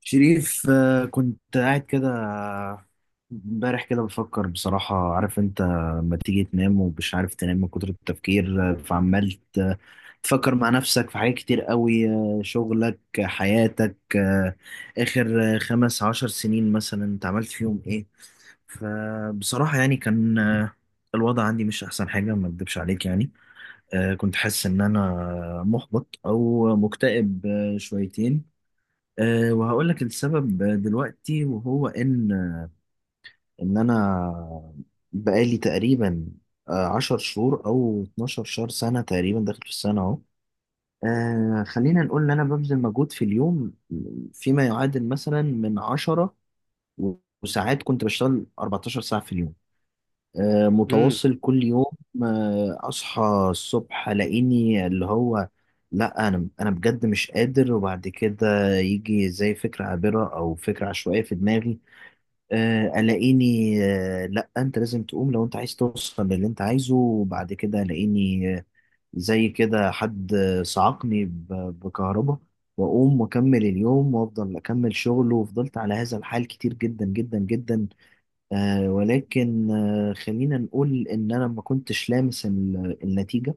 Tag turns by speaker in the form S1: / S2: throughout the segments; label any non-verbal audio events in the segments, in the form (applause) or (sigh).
S1: شريف، كنت قاعد كده امبارح كده بفكر بصراحة، عارف انت لما تيجي تنام ومش عارف تنام من كتر التفكير، فعمال تفكر مع نفسك في حاجات كتير قوي، شغلك، حياتك، آخر 15 سنين مثلا انت عملت فيهم ايه. فبصراحة يعني كان الوضع عندي مش أحسن حاجة، ما أكدبش عليك يعني. كنت حاسس إن أنا محبط أو مكتئب شويتين. أه وهقول لك السبب دلوقتي، وهو ان انا بقالي تقريبا 10 شهور او 12 شهر، سنه تقريبا داخل في السنه اهو. أه خلينا نقول ان انا ببذل مجهود في اليوم فيما يعادل مثلا من 10، وساعات كنت بشتغل 14 ساعه في اليوم،
S2: امم.
S1: متواصل كل يوم. اصحى الصبح الاقيني اللي هو لا، انا بجد مش قادر. وبعد كده يجي زي فكره عابره او فكره عشوائيه في دماغي، الاقيني، لا انت لازم تقوم لو انت عايز توصل للي انت عايزه. وبعد كده الاقيني زي كده حد صعقني بكهرباء، واقوم واكمل اليوم وافضل اكمل شغل. وفضلت على هذا الحال كتير جدا جدا جدا، ولكن خلينا نقول ان انا ما كنتش لامس النتيجة.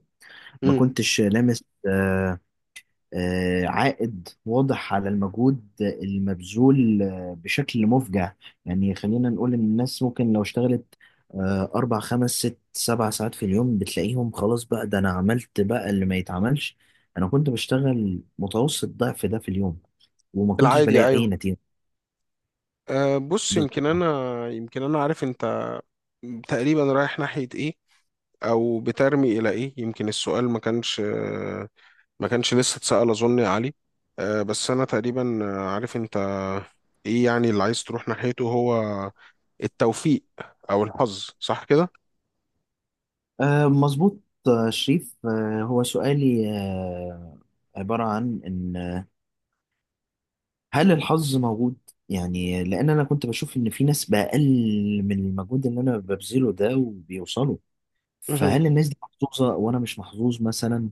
S1: ما
S2: امم.
S1: كنتش لامس عائد واضح على المجهود المبذول بشكل مفجع. يعني خلينا نقول ان الناس ممكن لو اشتغلت اربع خمس ست سبع ساعات في اليوم بتلاقيهم خلاص، بقى ده انا عملت بقى اللي ما يتعملش. انا كنت بشتغل متوسط ضعف ده في اليوم وما كنتش
S2: العادي،
S1: بلاقي اي
S2: ايوه.
S1: نتيجة.
S2: بص، يمكن
S1: بالظبط.
S2: انا عارف انت تقريبا رايح ناحية ايه، او بترمي الى ايه. يمكن السؤال ما كانش لسه اتسأل، اظن يا علي. بس انا تقريبا عارف انت ايه يعني اللي عايز تروح ناحيته، هو التوفيق او الحظ، صح كده؟
S1: مظبوط. شريف، هو سؤالي عبارة عن إن هل الحظ موجود؟ يعني لأن أنا كنت بشوف إن في ناس بأقل من المجهود اللي أنا ببذله ده وبيوصلوا.
S2: مهم.
S1: فهل الناس دي محظوظة وأنا مش محظوظ مثلا؟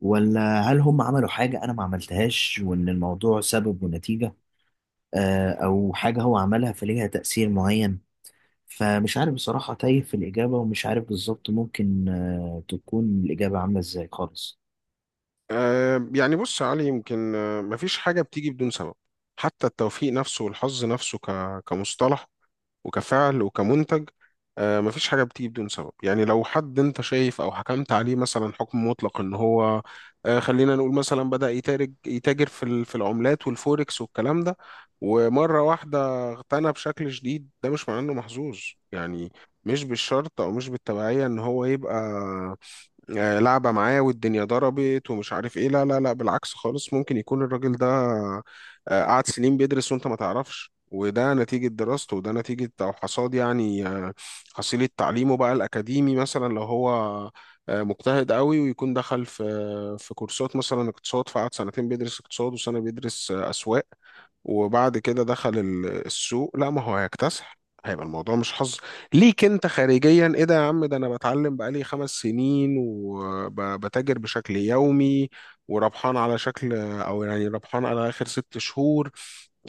S1: ولا هل هم عملوا حاجة أنا ما عملتهاش، وإن الموضوع سبب ونتيجة، أو حاجة هو عملها فليها تأثير معين؟ فمش عارف بصراحة، تايه في الإجابة ومش عارف بالظبط ممكن تكون الإجابة عاملة إزاي خالص.
S2: يعني بص يا علي، يمكن مفيش حاجة بتيجي بدون سبب، حتى التوفيق نفسه والحظ نفسه كمصطلح وكفعل وكمنتج. مفيش حاجة بتيجي بدون سبب. يعني لو حد انت شايف او حكمت عليه مثلا حكم مطلق ان هو خلينا نقول مثلا بدأ يتاجر في العملات والفوركس والكلام ده، ومرة واحدة اغتنى بشكل شديد، ده مش معناه انه محظوظ. يعني مش بالشرط او مش بالتبعية ان هو يبقى لعبة معاه والدنيا ضربت ومش عارف ايه. لا لا لا، بالعكس خالص. ممكن يكون الراجل ده قعد سنين بيدرس وانت ما تعرفش، وده نتيجة دراسته، وده نتيجة أو حصاد يعني حصيلة تعليمه بقى الأكاديمي. مثلا لو هو مجتهد قوي، ويكون دخل في كورسات مثلا اقتصاد، فقعد سنتين بيدرس اقتصاد، وسنة بيدرس أسواق، وبعد كده دخل السوق. لا، ما هو هيكتسح، هيبقى الموضوع مش حظ ليك انت خارجيا. ايه ده يا عم، ده انا بتعلم بقالي 5 سنين وبتاجر بشكل يومي وربحان على شكل، او يعني ربحان على اخر 6 شهور،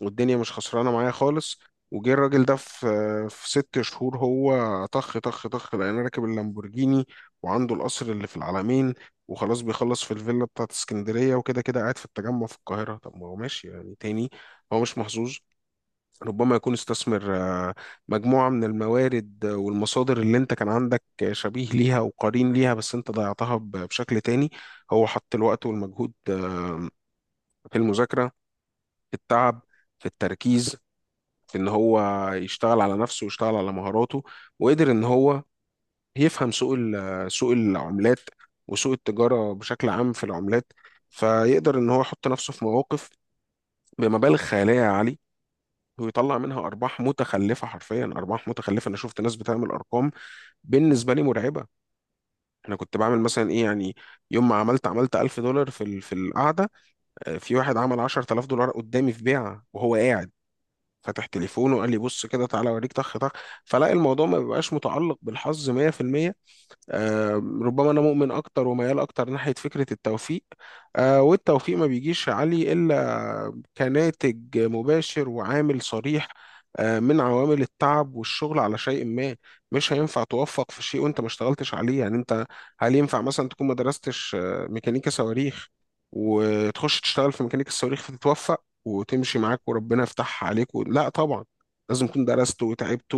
S2: والدنيا مش خسرانه معايا خالص. وجه الراجل ده في 6 شهور، هو طخ طخ طخ، لقينا راكب اللامبورجيني وعنده القصر اللي في العلمين، وخلاص بيخلص في الفيلا بتاعت اسكندريه، وكده كده قاعد في التجمع في القاهره. طب ما هو ماشي يعني، تاني هو مش محظوظ. ربما يكون استثمر مجموعه من الموارد والمصادر اللي انت كان عندك شبيه ليها وقرين ليها، بس انت ضيعتها بشكل تاني. هو حط الوقت والمجهود في المذاكره، في التعب، في التركيز، في ان هو يشتغل على نفسه ويشتغل على مهاراته، وقدر ان هو يفهم سوق العملات وسوق التجارة بشكل عام في العملات. فيقدر ان هو يحط نفسه في مواقف بمبالغ خيالية يا علي، ويطلع منها ارباح متخلفة. حرفيا ارباح متخلفة. انا شفت ناس بتعمل ارقام بالنسبه لي مرعبه. انا كنت بعمل مثلا ايه يعني، يوم ما عملت 1000 دولار في القعده، في واحد عمل 10000 دولار قدامي في بيعه وهو قاعد فاتح تليفونه، وقال لي بص كده تعالى اوريك طخ طخ. فلاقي الموضوع ما بيبقاش متعلق بالحظ 100%. آه، ربما انا مؤمن اكتر وميال اكتر ناحيه فكره التوفيق. والتوفيق ما بيجيش يا علي الا كناتج مباشر وعامل صريح من عوامل التعب والشغل على شيء ما. مش هينفع توفق في شيء وانت ما اشتغلتش عليه يعني. انت هل ينفع مثلا تكون ما درستش ميكانيكا صواريخ، وتخش تشتغل في ميكانيكا الصواريخ فتتوفق وتمشي معاك وربنا يفتحها عليك لا طبعا. لازم تكون درست وتعبت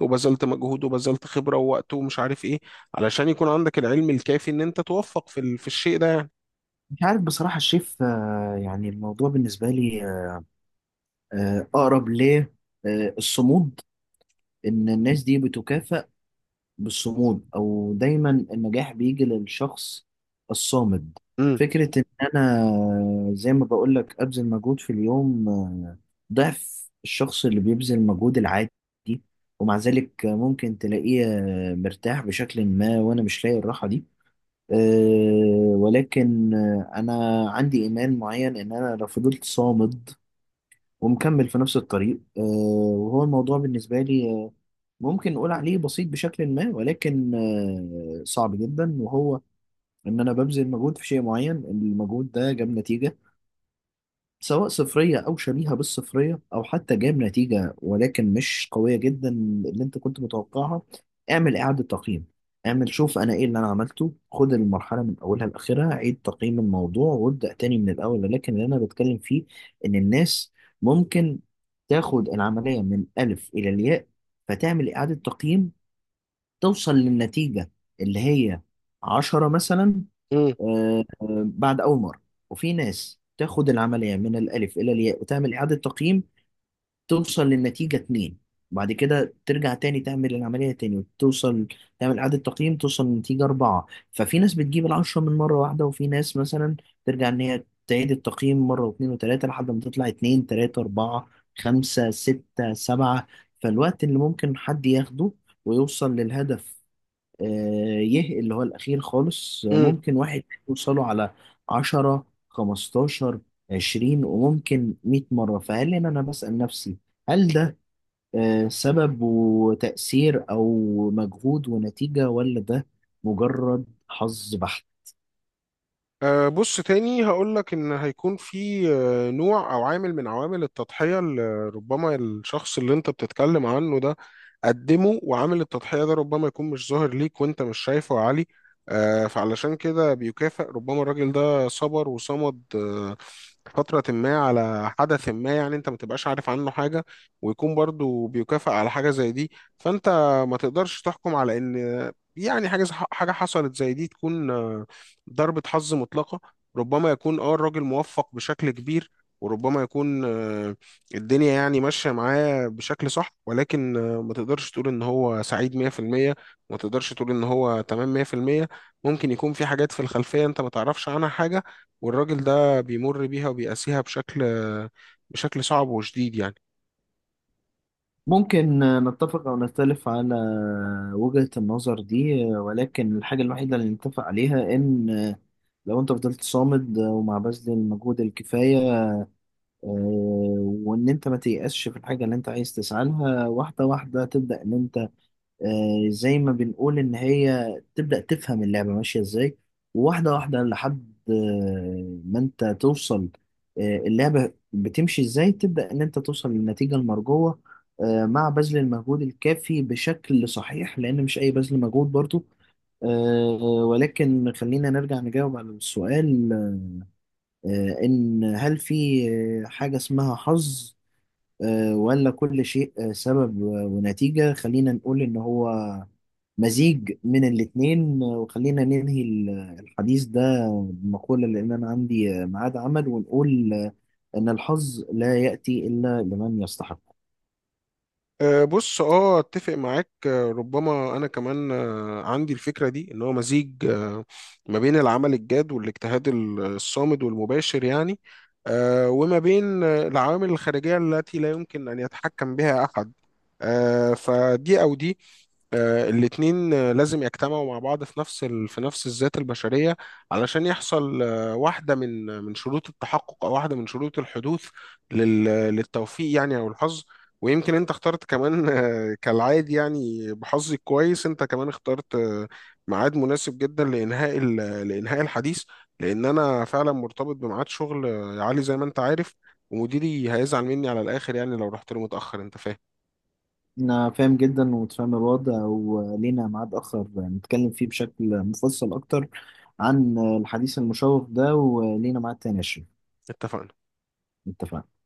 S2: وبذلت مجهود وبذلت خبرة ووقت ومش عارف ايه، علشان يكون عندك العلم الكافي ان انت توفق في الشيء ده يعني.
S1: مش عارف بصراحة الشيف، يعني الموضوع بالنسبة لي أقرب للصمود. إن الناس دي بتكافأ بالصمود، أو دايما النجاح بيجي للشخص الصامد. فكرة إن أنا، زي ما بقولك، أبذل مجهود في اليوم ضعف الشخص اللي بيبذل مجهود العادي، ومع ذلك ممكن تلاقيه مرتاح بشكل ما، وأنا مش لاقي الراحة دي. أه ولكن أنا عندي إيمان معين إن أنا لو فضلت صامد ومكمل في نفس الطريق، أه. وهو الموضوع بالنسبة لي ممكن نقول عليه بسيط بشكل ما، ولكن أه صعب جدا. وهو إن أنا ببذل مجهود في شيء معين، المجهود ده جاب نتيجة سواء صفرية أو شبيهة بالصفرية، أو حتى جايب نتيجة ولكن مش قوية جدا اللي أنت كنت متوقعها. اعمل إعادة تقييم، اعمل شوف أنا إيه اللي أنا عملته، خد المرحلة من أولها لآخرها عيد تقييم الموضوع وابدأ تاني من الأول. ولكن اللي أنا بتكلم فيه إن الناس ممكن تاخد العملية من ألف إلى الياء فتعمل إعادة تقييم توصل للنتيجة اللي هي عشرة مثلا، آه، بعد أول مرة. وفي ناس تاخد العملية من الألف إلى الياء وتعمل إعادة تقييم توصل للنتيجة اتنين، بعد كده ترجع تاني تعمل العملية تاني وتوصل، تعمل إعادة تقييم توصل لنتيجة أربعة. ففي ناس بتجيب العشرة من مرة واحدة، وفي ناس مثلا ترجع إن هي تعيد التقييم مرة واتنين وتلاتة لحد ما تطلع اتنين تلاتة أربعة خمسة ستة سبعة. فالوقت اللي ممكن حد ياخده ويوصل للهدف آه، يه اللي هو الأخير خالص،
S2: امم.
S1: ممكن واحد يوصله على عشرة خمستاشر عشرين، وممكن 100 مرة. فهل هنا أنا بسأل نفسي، هل ده سبب وتأثير أو مجهود ونتيجة، ولا ده مجرد حظ بحت؟
S2: بص تاني هقولك، إن هيكون في نوع أو عامل من عوامل التضحية اللي ربما الشخص اللي أنت بتتكلم عنه ده قدمه، وعامل التضحية ده ربما يكون مش ظاهر ليك وأنت مش شايفه يا علي. فعلشان كده بيكافئ. ربما الراجل ده صبر وصمد فترة ما على حدث ما، يعني أنت ما تبقاش عارف عنه حاجة ويكون برضو بيكافئ على حاجة زي دي. فأنت ما تقدرش تحكم على إن يعني حاجة حاجة حصلت زي دي تكون ضربة حظ مطلقة. ربما يكون الراجل موفق بشكل كبير، وربما يكون الدنيا يعني ماشية معاه بشكل صح، ولكن ما تقدرش تقول ان هو سعيد 100%، ما تقدرش تقول ان هو تمام 100%. ممكن يكون في حاجات في الخلفية انت ما تعرفش عنها حاجة، والراجل ده بيمر بيها وبيقاسيها بشكل صعب وشديد يعني.
S1: ممكن نتفق أو نختلف على وجهة النظر دي، ولكن الحاجة الوحيدة اللي نتفق عليها إن لو أنت فضلت صامد، وما بذل المجهود الكفاية، آه، وان انت ما تيأسش في الحاجه اللي انت عايز تسعى لها، واحده واحده تبدا ان انت زي ما بنقول ان هي تبدا تفهم اللعبه ماشيه ازاي. وواحده واحده لحد ما انت توصل اللعبه بتمشي ازاي، تبدا ان انت توصل للنتيجه المرجوه مع بذل المجهود الكافي بشكل صحيح، لان مش اي بذل مجهود برضو، آه، ولكن خلينا نرجع نجاوب على السؤال إن هل في حاجة اسمها حظ، ولا كل شيء سبب ونتيجة؟ خلينا نقول إن هو مزيج من الاتنين، وخلينا ننهي الحديث ده بمقولة، لأن أنا عندي ميعاد عمل، ونقول إن الحظ لا يأتي إلا لمن يستحق.
S2: بص، اتفق معاك. ربما انا كمان عندي الفكره دي ان هو مزيج، ما بين العمل الجاد والاجتهاد الصامد والمباشر يعني، وما بين العوامل الخارجيه التي لا يمكن ان يتحكم بها احد. فدي او دي الاتنين لازم يجتمعوا مع بعض في نفس في نفس الذات البشرية، علشان يحصل واحدة من شروط التحقق، أو واحدة من شروط الحدوث لل... للتوفيق يعني، أو الحظ. ويمكن انت اخترت كمان (laughs) كالعادي يعني، بحظي الكويس انت كمان اخترت ميعاد مناسب جدا لانهاء لانهاء الحديث، لان انا فعلا مرتبط بميعاد شغل عالي زي ما انت عارف، ومديري هيزعل مني على الاخر يعني لو رحت له متاخر، انت فاهم.
S1: أنا فاهم جدا ومتفاهم الوضع، ولينا ميعاد آخر نتكلم فيه بشكل مفصل أكتر عن الحديث المشوق ده. ولينا ميعاد تاني يا شريف.
S2: اتفقنا.
S1: اتفقنا.